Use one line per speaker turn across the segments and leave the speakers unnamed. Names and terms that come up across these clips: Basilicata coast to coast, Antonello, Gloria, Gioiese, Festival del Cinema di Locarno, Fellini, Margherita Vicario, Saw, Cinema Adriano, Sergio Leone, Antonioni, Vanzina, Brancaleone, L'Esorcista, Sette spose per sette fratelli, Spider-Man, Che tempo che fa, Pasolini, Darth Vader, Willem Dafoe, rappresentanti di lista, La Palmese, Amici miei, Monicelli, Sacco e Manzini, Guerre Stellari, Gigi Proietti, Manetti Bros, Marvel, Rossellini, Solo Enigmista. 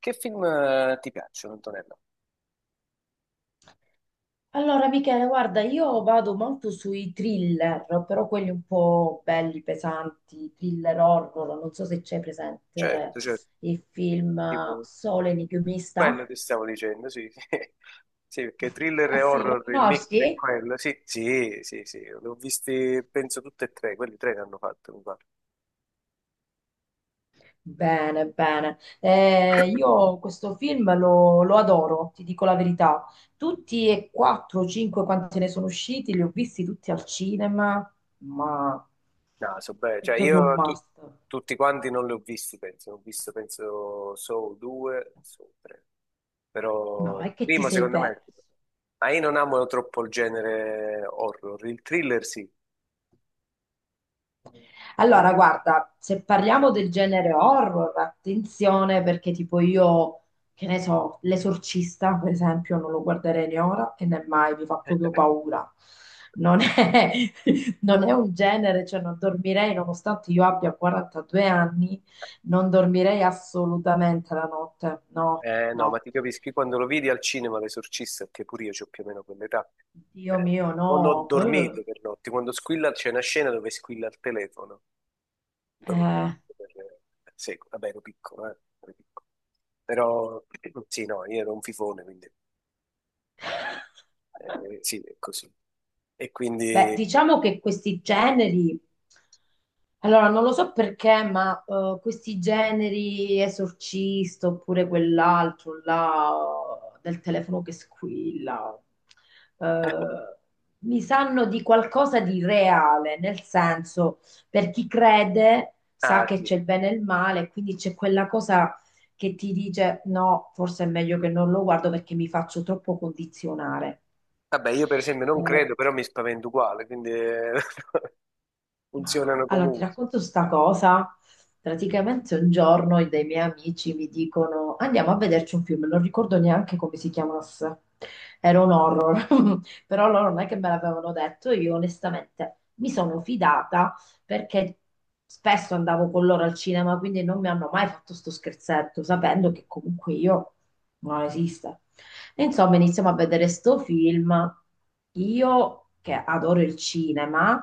Che film ti piacciono, Antonello?
Allora, Michele, guarda, io vado molto sui thriller, però quelli un po' belli, pesanti, thriller horror. Non so se c'è presente
Certo, certo,
il film
tipo,
Sole enigmista.
quello ti stavo dicendo, sì, sì, Sì, perché thriller
Ah
e
sì, lo
horror, il mix è
conosci?
quello, sì, sì, sì, sì, l'ho visti, penso, tutte e tre, quelli tre che hanno fatto, mi pare.
Bene, bene. Eh, io questo film lo adoro, ti dico la verità. Tutti e quattro, cinque, quanti ne sono usciti, li ho visti tutti al cinema, ma
No, so bene,
è
cioè
proprio un must.
tutti quanti non li ho visti, penso, ho visto, penso, Saw 2, Saw 3, però
No,
il
è che ti
primo
sei
secondo me,
perso.
ma io non amo troppo il genere horror, il thriller sì. Beh.
Allora, guarda, se parliamo del genere horror, attenzione perché tipo io, che ne so, L'Esorcista, per esempio, non lo guarderei né ora e né mai, mi fa proprio paura. Non è, Non è un genere, cioè non dormirei, nonostante io abbia 42 anni, non dormirei assolutamente la notte. No,
No, ma
no.
ti capisco, io quando lo vidi al cinema L'Esorcista, che pure io ho più o meno quell'età,
Dio
eh,
mio, no.
non ho dormito per notti. Quando squilla c'è una scena dove squilla il telefono. Non ho
Eh.
dormito per secoli. Vabbè, ero piccolo, ero piccolo. Però sì, no, io ero un fifone, quindi sì, è così. E
Beh,
quindi...
diciamo che questi generi, allora non lo so perché, ma questi generi esorcista oppure quell'altro là del telefono che squilla, eh, mi sanno di qualcosa di reale, nel senso, per chi crede sa
Ah,
che
sì.
c'è il bene e il male, quindi c'è quella cosa che ti dice no, forse è meglio che non lo guardo perché mi faccio troppo condizionare.
Vabbè, io per esempio non
Eh,
credo, però mi spavento uguale, quindi
Ma
funzionano
allora ti
comunque.
racconto sta cosa. Praticamente un giorno dei miei amici mi dicono andiamo a vederci un film, non ricordo neanche come si chiamasse. Era un horror, però loro non è che me l'avevano detto, io onestamente mi sono fidata perché spesso andavo con loro al cinema, quindi non mi hanno mai fatto sto scherzetto, sapendo che comunque io non esiste. E insomma, iniziamo a vedere sto film. Io che adoro il cinema,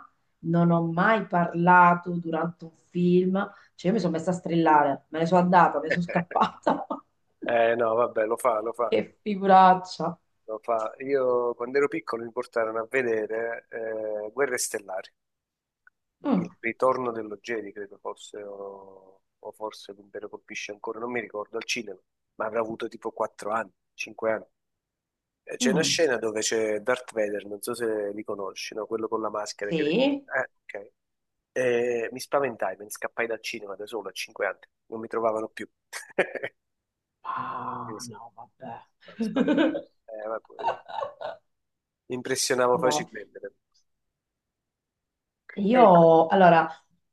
non ho mai parlato durante un film, cioè io mi sono messa a strillare, me ne sono andata, me ne sono scappata.
Eh no, vabbè, lo fa, lo fa.
Che figuraccia.
Lo fa. Io quando ero piccolo mi portarono a vedere Guerre Stellari,
Mm,
il ritorno dello Jedi, credo fosse, o forse l'Impero colpisce ancora, non mi ricordo, al cinema, ma avrà avuto tipo 4 anni, 5 anni. E c'è una
mm,
scena dove c'è Darth Vader, non so se li conosci, no? Quello con la maschera che...
sì.
Ok. E mi spaventai, me ne scappai dal cinema da solo a 5 anni, non mi trovavano più.
Ah,
Quindi sì,
no, vabbè.
mi spaventai. Vabbè, mi impressionavo
No,
facilmente. Ecco.
io allora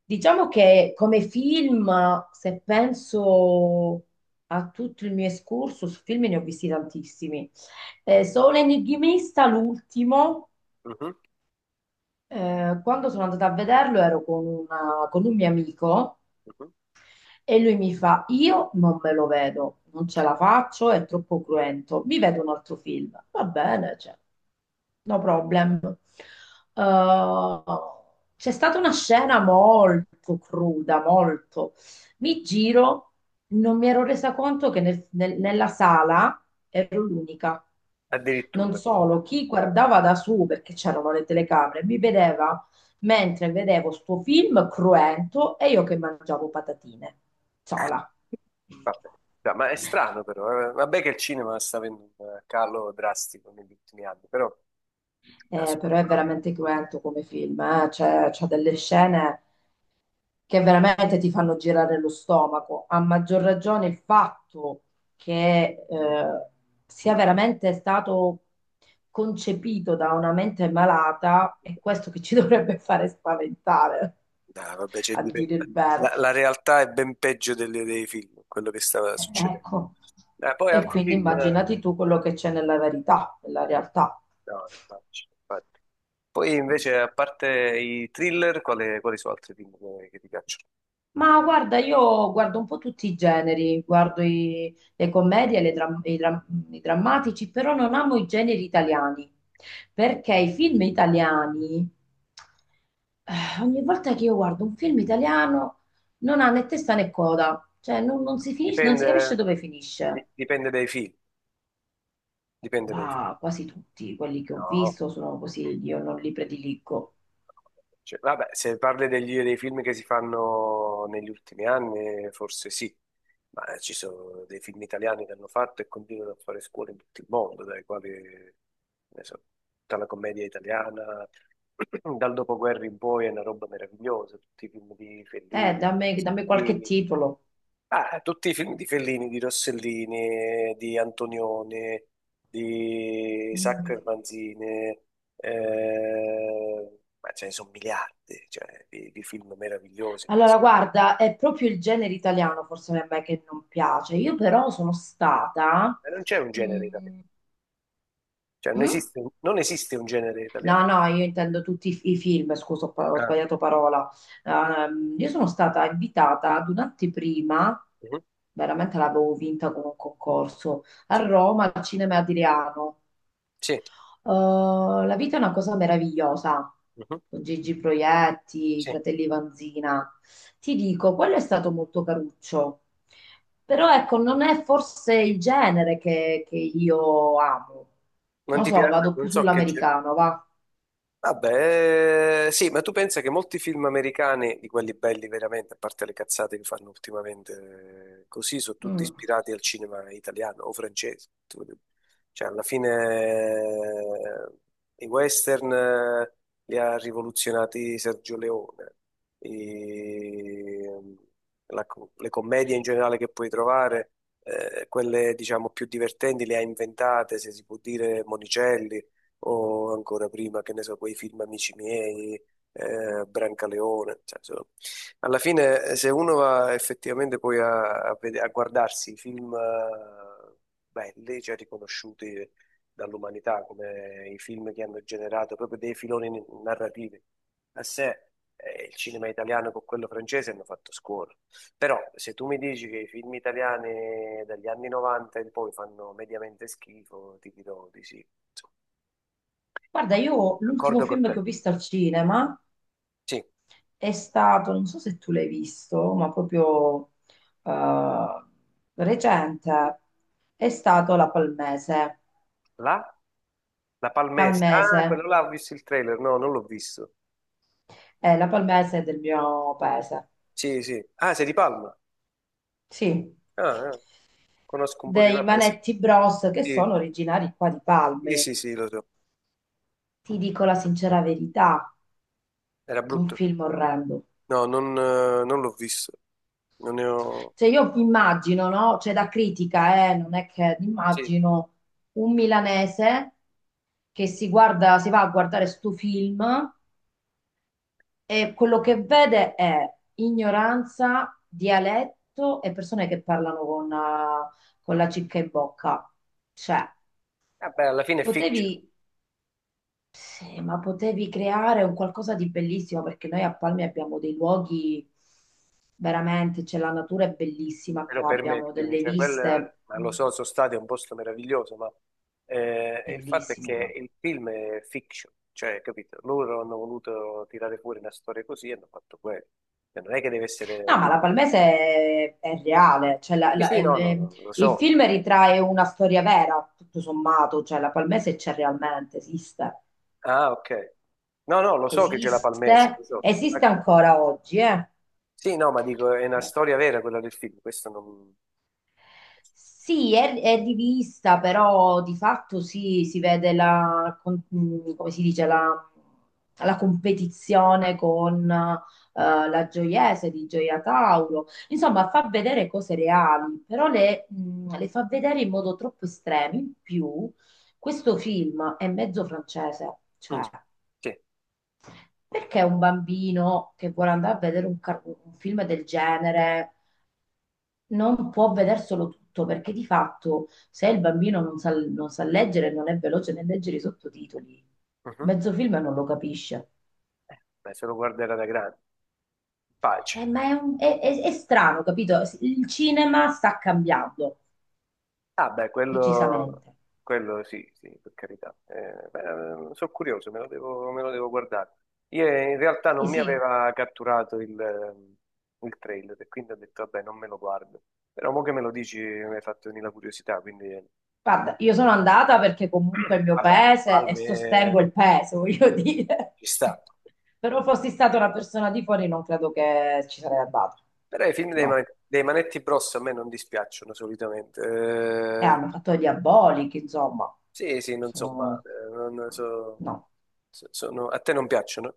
diciamo che come film, se penso a tutto il mio excursus, film ne ho visti tantissimi. Solo Enigmista, l'ultimo,
Mhm,
quando sono andata a vederlo ero con, con un mio amico.
mhm.
E lui mi fa, io non me lo vedo, non ce la faccio, è troppo cruento, mi vedo un altro film. Va bene, cioè, no problem. Eh, c'è stata una scena molto cruda, molto. Mi giro, non mi ero resa conto che nella sala ero l'unica. Non
Addirittura.
solo, chi guardava da su, perché c'erano le telecamere, mi vedeva mentre vedevo sto film cruento e io che mangiavo patatine, sola.
Vabbè. Dai, ma è strano però, eh. Vabbè che il cinema sta avendo un calo drastico negli ultimi anni, però da
Eh,
solo,
però è veramente cruento come film, c'ha delle scene che veramente ti fanno girare lo stomaco. A maggior ragione il fatto che sia veramente stato concepito da una mente malata è questo che ci dovrebbe fare spaventare,
dai, vabbè,
a dire il vero.
la, la realtà è ben peggio dei film, quello che stava succedendo.
Ecco,
Poi
e
altri
quindi
film...
immaginati tu quello che c'è nella verità, nella realtà.
No, infatti, infatti. Poi invece, a parte i thriller, quali, quali sono altri film che ti piacciono?
Ma guarda, io guardo un po' tutti i generi, guardo le commedie, le dram- i drammatici, però non amo i generi italiani, perché i film italiani, ogni volta che io guardo un film italiano, non ha né testa né coda, cioè non si finisce, non si capisce
Dipende,
dove finisce.
dipende dai film, dipende dai film.
Ma quasi tutti quelli che ho
No.
visto sono così, io non li prediligo.
Cioè, vabbè, se parli dei film che si fanno negli ultimi anni, forse sì, ma ci sono dei film italiani che hanno fatto e continuano a fare scuole in tutto il mondo, dai quali, ne so, tutta la commedia italiana, dal dopoguerra in poi è una roba meravigliosa, tutti i film di
Eh,
Fellini,
dammi, dammi qualche
di-
titolo.
Ah, tutti i film di Fellini, di Rossellini, di Antonioni, di Sacco
Mm.
e Manzini, ma ce ne sono miliardi, cioè, di film meravigliosi.
Allora, guarda, è proprio il genere italiano forse a me che non piace. Io però sono stata...
E non c'è un genere italiano,
Mm.
cioè, non
Mm?
esiste, non esiste un genere italiano.
No, no, io intendo tutti i film, scusa, ho
Ah,
sbagliato parola. Io sono stata invitata ad un'anteprima,
mhm,
veramente l'avevo vinta con un concorso, a
sì,
Roma, al Cinema Adriano.
sì,
Oh, la vita è una cosa meravigliosa.
mhm,
Con Gigi Proietti, i
sì.
fratelli Vanzina. Ti dico, quello è stato molto caruccio. Però ecco, non è forse il genere che io amo.
Non
Non
ti
so,
piace,
vado più
non so che...
sull'americano, va.
Vabbè, sì, ma tu pensa che molti film americani, di quelli belli veramente, a parte le cazzate che fanno ultimamente, così sono tutti
Mm.
ispirati al cinema italiano o francese. Cioè, alla fine i western li ha rivoluzionati Sergio Leone, i- le commedie in generale che puoi trovare, quelle diciamo più divertenti le ha inventate, se si può dire, Monicelli o ancora prima, che ne so, quei film Amici miei, Brancaleone, cioè, insomma, alla fine se uno va effettivamente poi a guardarsi i film belli, cioè riconosciuti dall'umanità come i film che hanno generato proprio dei filoni narrativi a sé, il cinema italiano con quello francese hanno fatto scuola. Però se tu mi dici che i film italiani dagli anni 90 in poi fanno mediamente schifo, ti dirò di sì.
Guarda, io l'ultimo
D'accordo con
film
te.
che ho visto al cinema
Sì,
è stato, non so se tu l'hai visto, ma proprio eh, recente, è stato La Palmese.
La? La Palmese. Ah,
Palmese.
quello là ho visto il trailer. No, non l'ho visto.
La palmese è del mio paese,
Sì, sì. Ah, sei di Palma.
sì,
Ah, ah. Conosco un po' di...
dei
Vabbè, sì.
Manetti Bros che
Sì,
sono originari qua di
sì,
Palme.
sì, sì, lo so.
Ti dico la sincera verità,
Era
un
brutto.
film orrendo.
No, non, non l'ho visto. Non ne ho...
Cioè io immagino, no? Cioè da critica, non è che
Sì, sì.
immagino un milanese che si guarda, si va a guardare sto film e quello che vede è ignoranza, dialetto e persone che parlano con la cicca in bocca. Cioè,
Vabbè, alla fine è fiction.
potevi, sì, ma potevi creare un qualcosa di bellissimo perché noi a Palmi abbiamo dei luoghi veramente, c'è la natura è bellissima
Però
qua, abbiamo
permettimi,
delle
cioè quel,
viste
ma lo
mm,
so, sono stati è un posto meraviglioso, ma il fatto è
bellissime
che
proprio.
il film è fiction, cioè, capito? Loro hanno voluto tirare fuori una storia così e hanno fatto quello. Cioè, non è che deve essere
No, ma la Palmese
pubblicata.
è reale, cioè la-
Sì,
la-
sì, no, no,
il
no, no, lo
il
so.
film ritrae una storia vera, tutto sommato, cioè la Palmese c'è realmente, esiste,
Ah, ok. No, no, lo so che c'è la Palmese,
esiste,
lo so.
esiste
Ecco.
ancora oggi, eh.
Sì, no, ma dico, è una
Eh,
storia vera quella del film, questo non...
Sì, è di vista, però di fatto sì, si vede la, come si dice, la competizione con la Gioiese di Gioia Tauro. Insomma, fa vedere cose reali, però le fa vedere in modo troppo estremo. In più, questo film è mezzo francese,
Mm,
cioè,
sì,
perché un bambino che vuole andare a vedere un film del genere? Non può vedere solo tutto, perché di fatto se il bambino non sa leggere, non è veloce nel leggere i sottotitoli,
mhm.
mezzo film non lo capisce.
Beh, se lo guarderà da grande. Pace.
Ma è, un- è strano, capito? Il cinema sta cambiando
Ah, beh, quello,
decisamente.
quello sì, sì, per carità. Beh, sono curioso, me lo devo guardare. Io in realtà
E
non mi
sì,
aveva catturato il trailer e quindi ho detto, vabbè, non me lo guardo. Però mo che me lo dici mi hai fatto venire la curiosità, quindi
guarda, io sono andata perché comunque è il mio
vabbè,
paese e
Palme
sostengo il paese, voglio dire.
ci sta.
Ecco. Però fossi stata una persona di fuori non credo che ci sarei andata.
Però i film dei,
No.
Dei Manetti Bros a me non dispiacciono solitamente.
Eh, hanno fatto gli abolichi, insomma.
Sì, sì, non so
Sono-
male. Non so-
No.
sono- a te non piacciono?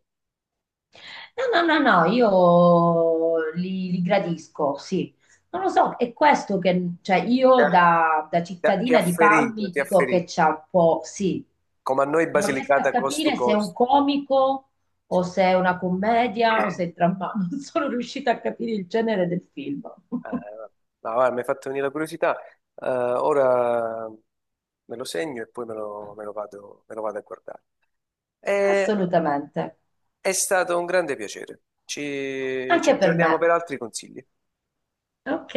No, no, no, no, io li gradisco, sì. Non lo so, è questo che, cioè, io da
Ti ha
cittadina di
ferito,
Palmi
ti ha
dico che
ferito.
c'è un po', sì,
Come a noi
non riesco a
Basilicata cost to
capire se è un
cost.
comico o se è una commedia o se è dramma, non sono riuscita a capire il genere del film.
Eh, no, guarda, mi hai fatto venire la curiosità. Ora me lo segno e poi me lo vado a guardare. Eh,
Assolutamente,
È, stato un grande piacere. Ci, ci
anche per
aggiorniamo
me.
per altri consigli.
Ok.